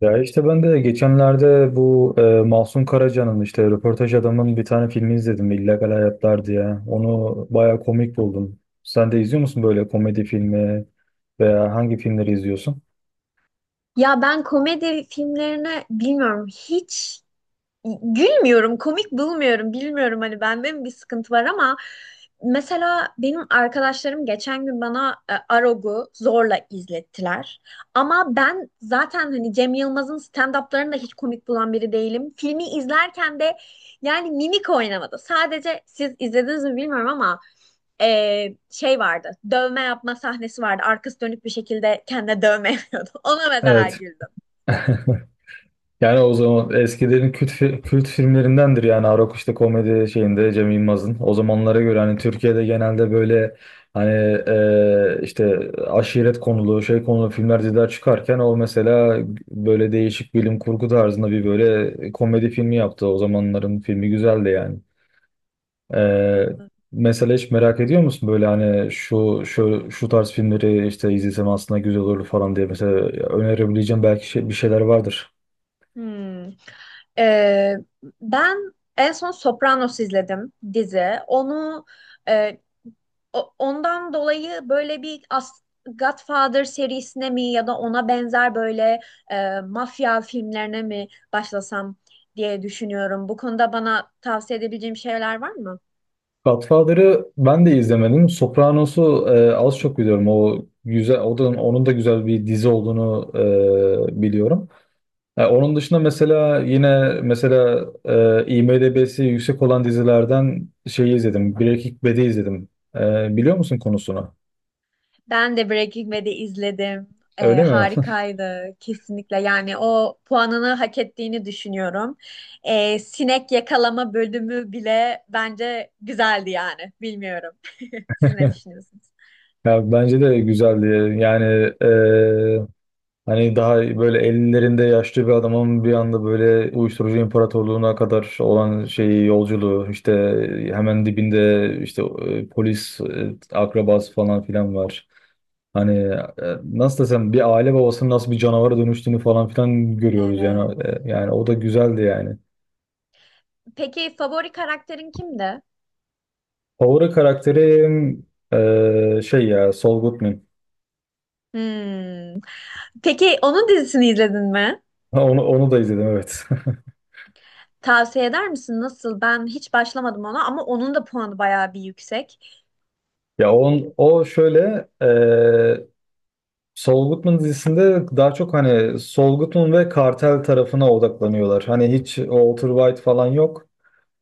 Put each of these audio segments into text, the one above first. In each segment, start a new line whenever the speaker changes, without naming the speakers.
Ya işte ben de geçenlerde bu Mahsun Karaca'nın işte röportaj adamın bir tane filmi izledim İllegal Hayatlar diye. Onu bayağı komik buldum. Sen de izliyor musun böyle komedi filmi veya hangi filmleri izliyorsun?
Ya ben komedi filmlerini bilmiyorum hiç gülmüyorum, komik bulmuyorum. Bilmiyorum hani bende mi bir sıkıntı var ama mesela benim arkadaşlarım geçen gün bana Arog'u zorla izlettiler. Ama ben zaten hani Cem Yılmaz'ın stand-up'larını da hiç komik bulan biri değilim. Filmi izlerken de yani mimik oynamadı. Sadece siz izlediniz mi bilmiyorum ama şey vardı. Dövme yapma sahnesi vardı. Arkası dönük bir şekilde kendine dövme yapıyordu. Ona mesela
Evet.
güldüm.
Yani o zaman eskilerin kült filmlerindendir yani Arok işte komedi şeyinde Cem Yılmaz'ın. O zamanlara göre hani Türkiye'de genelde böyle hani işte aşiret konulu şey konulu filmler diziler çıkarken o mesela böyle değişik bilim kurgu tarzında bir böyle komedi filmi yaptı. O zamanların filmi güzeldi yani. E,
Anladım.
Mesela hiç merak ediyor musun böyle hani şu şu şu tarz filmleri işte izlesem aslında güzel olur falan diye mesela önerebileceğim belki bir şeyler vardır.
Hmm. Ee, Ben en son Sopranos izledim dizi. Onu e, ondan dolayı böyle bir Godfather serisine mi ya da ona benzer böyle mafya filmlerine mi başlasam diye düşünüyorum. Bu konuda bana tavsiye edebileceğim şeyler var mı?
Godfather'ı ben de izlemedim. Sopranos'u az çok biliyorum. O güzel, o da onun da güzel bir dizi olduğunu biliyorum. Onun dışında mesela yine mesela IMDb'si yüksek olan dizilerden şeyi izledim. Breaking Bad'i izledim. Biliyor musun konusunu?
Ben de Breaking Bad'i izledim.
Öyle mi?
Harikaydı kesinlikle. Yani o puanını hak ettiğini düşünüyorum. Sinek yakalama bölümü bile bence güzeldi yani. Bilmiyorum. Siz ne düşünüyorsunuz?
Ya bence de güzeldi. Yani e, hani daha böyle ellerinde yaşlı bir adamın bir anda böyle uyuşturucu imparatorluğuna kadar olan şeyi yolculuğu işte hemen dibinde işte polis akrabası falan filan var. Hani nasıl desem bir aile babasının nasıl bir canavara dönüştüğünü falan filan görüyoruz
Evet.
yani. Yani o da güzeldi yani.
Peki favori karakterin kimdi?
Favori karakterim şey ya Saul Goodman.
Hmm. Peki onun dizisini izledin mi?
Onu da izledim evet.
Tavsiye eder misin? Nasıl? Ben hiç başlamadım ona ama onun da puanı bayağı bir yüksek.
O şöyle, Saul Goodman dizisinde daha çok hani Saul Goodman ve kartel tarafına odaklanıyorlar. Hani hiç Walter White falan yok.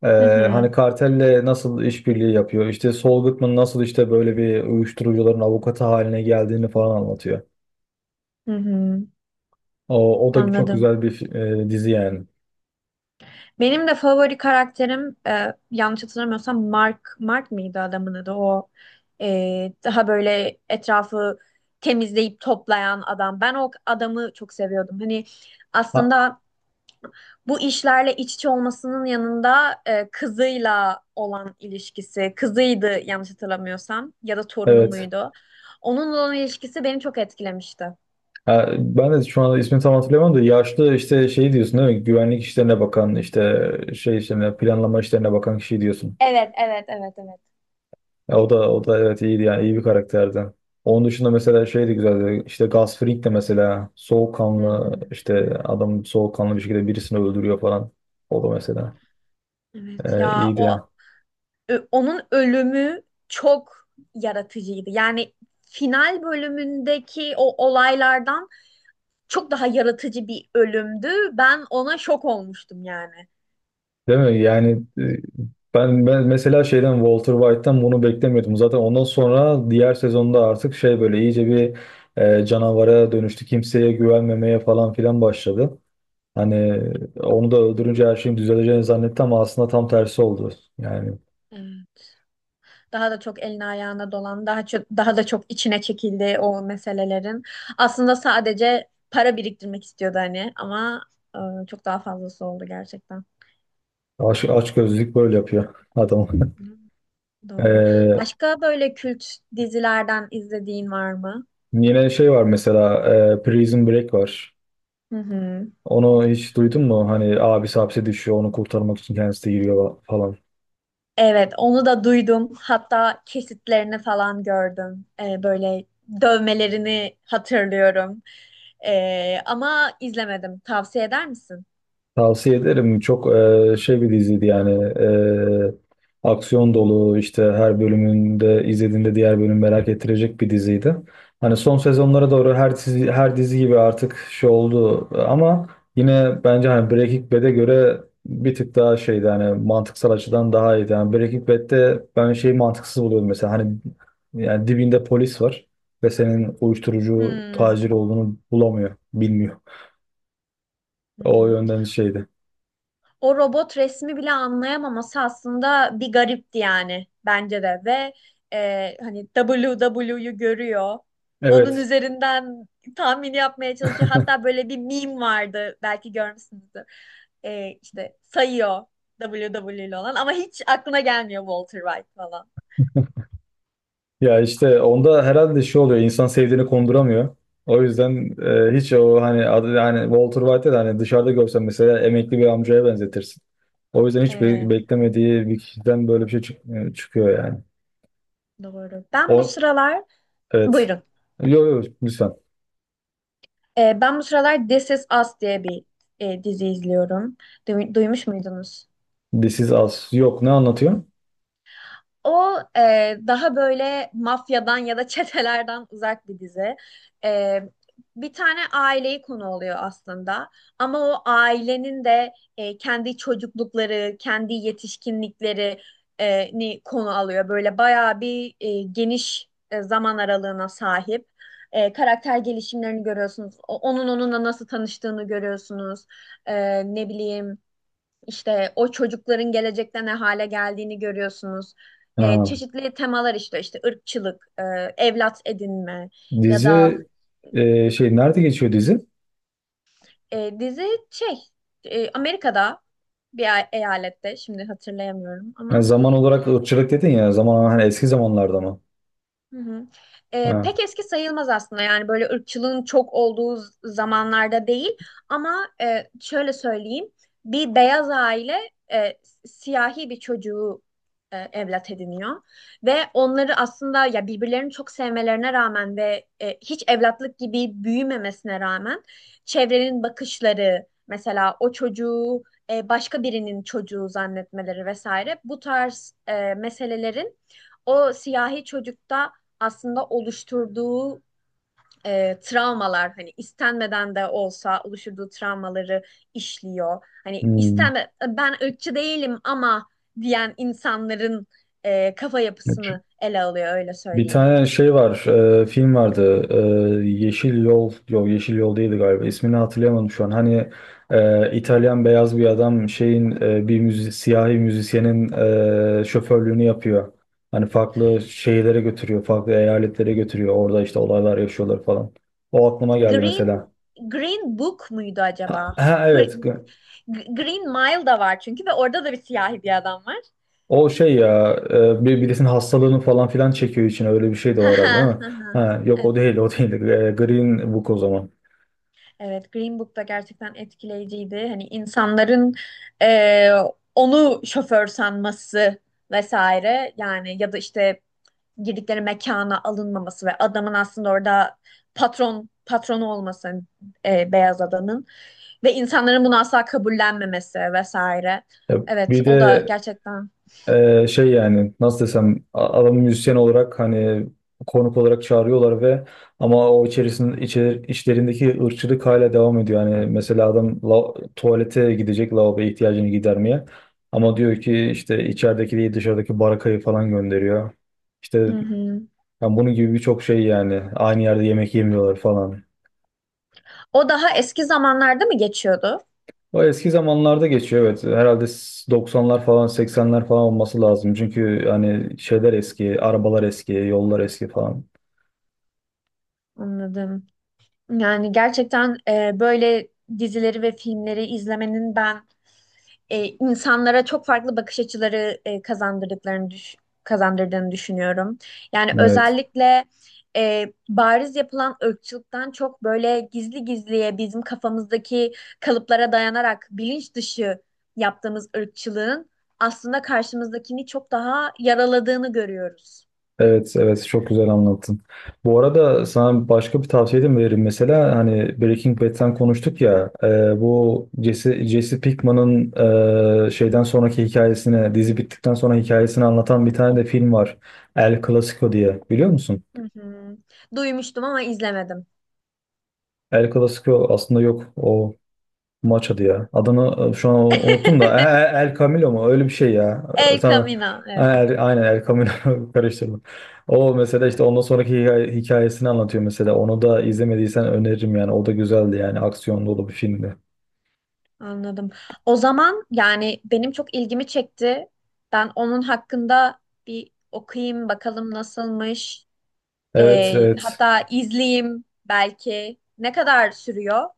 Ee,
Hı
Hani
hı.
kartelle nasıl işbirliği yapıyor? İşte Saul Goodman nasıl işte böyle bir uyuşturucuların avukatı haline geldiğini falan anlatıyor.
Hı hı.
O da çok
Anladım.
güzel bir dizi yani.
Benim de favori karakterim yanlış hatırlamıyorsam Mark Mark mıydı adamın adı o daha böyle etrafı temizleyip toplayan adam. Ben o adamı çok seviyordum. Hani
Ha,
aslında bu işlerle iç içe olmasının yanında kızıyla olan ilişkisi, kızıydı yanlış hatırlamıyorsam ya da torunu
evet.
muydu? Onunla olan ilişkisi beni çok etkilemişti.
Ha, ben de şu anda ismini tam hatırlayamam da yaşlı işte şey diyorsun değil mi? Güvenlik işlerine bakan işte şey işlerine planlama işlerine bakan kişi diyorsun.
Evet, evet, evet, evet.
Ya o da evet iyiydi yani iyi bir karakterdi. Onun dışında mesela şey de güzeldi. İşte Gus Fring de mesela
Hı
soğukkanlı
hı.
işte adam soğukkanlı bir şekilde birisini öldürüyor falan. O da mesela
Evet ya,
iyiydi ya.
Onun ölümü çok yaratıcıydı. Yani final bölümündeki o olaylardan çok daha yaratıcı bir ölümdü. Ben ona şok olmuştum yani.
Değil mi? Yani e, ben mesela şeyden Walter White'tan bunu beklemiyordum. Zaten ondan sonra diğer sezonda artık şey böyle iyice bir canavara dönüştü. Kimseye güvenmemeye falan filan başladı. Hani onu da öldürünce her şeyin düzeleceğini zannetti ama aslında tam tersi oldu. Yani
Evet. Daha da çok eline ayağına dolan, daha da çok içine çekildi o meselelerin. Aslında sadece para biriktirmek istiyordu hani ama çok daha fazlası oldu gerçekten.
Açgözlülük böyle yapıyor adam.
Doğru.
Ee,
Başka böyle kült dizilerden izlediğin var mı?
Yine şey var mesela Prison Break var.
Hı hı.
Onu hiç duydun mu? Hani abisi hapse düşüyor onu kurtarmak için kendisi de giriyor falan.
Evet, onu da duydum. Hatta kesitlerini falan gördüm. Böyle dövmelerini hatırlıyorum. Ama izlemedim. Tavsiye eder misin?
Tavsiye ederim. Çok şey bir diziydi yani. Aksiyon dolu işte her bölümünde izlediğinde diğer bölüm merak ettirecek bir diziydi. Hani son sezonlara doğru her dizi gibi artık şey oldu ama yine bence hani Breaking Bad'e göre bir tık daha şeydi hani mantıksal açıdan daha iyiydi. Yani Breaking Bad'de ben şeyi mantıksız buluyordum mesela hani yani dibinde polis var ve senin uyuşturucu
Hmm.
tacir olduğunu bulamıyor, bilmiyor.
Hı
O
hı.
yönden şeydi.
O robot resmi bile anlayamaması aslında bir garipti yani bence de ve hani WW'yu görüyor. Onun
Evet.
üzerinden tahmin yapmaya çalışıyor. Hatta böyle bir meme vardı belki görmüşsünüzdür. İşte sayıyor WW ile olan ama hiç aklına gelmiyor Walter White falan.
Ya işte onda herhalde şey oluyor, insan sevdiğini konduramıyor. O yüzden hiç o hani adı hani Walter White'ı da hani dışarıda görsen mesela emekli bir amcaya benzetirsin. O yüzden hiç
Evet,
beklemediği bir kişiden böyle bir şey çıkıyor yani.
doğru. Ben bu
O
sıralar
evet.
buyurun.
Yok yok lütfen.
Ben bu sıralar This Is Us diye bir dizi izliyorum. Duymuş muydunuz?
This is Us. Yok ne anlatıyor?
O daha böyle mafyadan ya da çetelerden uzak bir dizi. E, Bir tane aileyi konu oluyor aslında. Ama o ailenin de kendi çocuklukları, kendi yetişkinlikleri ni konu alıyor. Böyle bayağı bir geniş zaman aralığına sahip. Karakter gelişimlerini görüyorsunuz. Onun onunla nasıl tanıştığını görüyorsunuz. Ne bileyim. İşte o çocukların gelecekte ne hale geldiğini görüyorsunuz.
Ha,
Çeşitli temalar işte ırkçılık, evlat edinme ya da
dizi şey nerede geçiyor dizi?
dizi şey Amerika'da bir eyalette şimdi hatırlayamıyorum
Yani
ama.
zaman olarak ırkçılık dedin ya zaman hani eski zamanlarda mı?
Hı hı.
Ha.
Pek eski sayılmaz aslında yani böyle ırkçılığın çok olduğu zamanlarda değil ama şöyle söyleyeyim bir beyaz aile siyahi bir çocuğu evlat ediniyor ve onları aslında ya birbirlerini çok sevmelerine rağmen ve hiç evlatlık gibi büyümemesine rağmen çevrenin bakışları mesela o çocuğu başka birinin çocuğu zannetmeleri vesaire bu tarz meselelerin o siyahi çocukta aslında oluşturduğu travmalar hani istenmeden de olsa oluşturduğu travmaları işliyor. Hani
Hmm.
istenme, "E, ben ırkçı değilim" ama diyen insanların kafa
Evet.
yapısını ele alıyor öyle
Bir
söyleyeyim.
tane şey var, film vardı. Yeşil Yol, yok Yeşil Yol değildi galiba. İsmini hatırlayamadım şu an. Hani İtalyan beyaz bir adam şeyin e, bir müzi siyahi müzisyenin şoförlüğünü yapıyor. Hani farklı şehirlere götürüyor, farklı eyaletlere götürüyor. Orada işte olaylar yaşıyorlar falan. O aklıma geldi
Green
mesela.
Green Book muydu acaba?
Ha, ha, evet.
Green, Green Mile da var çünkü ve orada da bir siyahi bir adam var.
O şey ya, birisinin hastalığını falan filan çekiyor için öyle bir şey de var herhalde değil mi? Ha, yok o
Evet.
değil, o değil. Green Book o zaman.
Evet, Green Book da gerçekten etkileyiciydi. Hani insanların e, onu şoför sanması vesaire yani ya da işte girdikleri mekana alınmaması ve adamın aslında orada patronu olması beyaz adamın. Ve insanların bunu asla kabullenmemesi vesaire.
Ya
Evet,
bir
o da
de
gerçekten.
şey yani nasıl desem adamı müzisyen olarak hani konuk olarak çağırıyorlar ve ama o içlerindeki ırkçılık hala devam ediyor. Yani mesela adam tuvalete gidecek lavaboya ihtiyacını gidermeye ama diyor ki işte içerideki değil dışarıdaki barakayı falan gönderiyor. İşte
Hı hı.
yani bunun gibi birçok şey yani aynı yerde yemek yemiyorlar falan.
O daha eski zamanlarda mı geçiyordu?
O eski zamanlarda geçiyor evet. Herhalde 90'lar falan 80'ler falan olması lazım. Çünkü hani şeyler eski, arabalar eski, yollar eski falan.
Anladım. Yani gerçekten böyle dizileri ve filmleri izlemenin ben insanlara çok farklı bakış açıları kazandırdıklarını kazandırdığını düşünüyorum. Yani
Evet.
özellikle bariz yapılan ırkçılıktan çok böyle gizli gizliye bizim kafamızdaki kalıplara dayanarak bilinç dışı yaptığımız ırkçılığın aslında karşımızdakini çok daha yaraladığını görüyoruz.
Evet, evet çok güzel anlattın. Bu arada sana başka bir tavsiye de mi veririm? Mesela hani Breaking Bad'den konuştuk ya, bu Jesse Pinkman'ın şeyden sonraki hikayesini, dizi bittikten sonra hikayesini anlatan bir tane de film var. El Clasico diye. Biliyor musun?
Hı hı. Duymuştum ama izlemedim.
El Clasico aslında yok. O maç adı ya. Adını şu an unuttum da. El Camilo mu? Öyle bir şey ya. E,
El
tamam.
Camino. Evet,
Aynen El Camilo karıştırdım. O mesela işte ondan sonraki hikayesini anlatıyor mesela. Onu da izlemediysen öneririm yani. O da güzeldi yani. Aksiyon dolu bir filmdi.
anladım. O zaman yani benim çok ilgimi çekti. Ben onun hakkında bir okuyayım bakalım nasılmış.
Evet evet.
Hatta izleyeyim belki. Ne kadar sürüyor?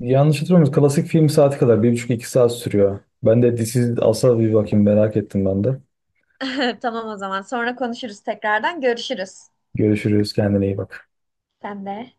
Yanlış hatırlamıyorum. Klasik film saati kadar. Bir buçuk iki saat sürüyor. Ben de This Is Us'a bir bakayım merak ettim ben de.
Tamam o zaman. Sonra konuşuruz tekrardan. Görüşürüz.
Görüşürüz. Kendine iyi bak.
Sen de.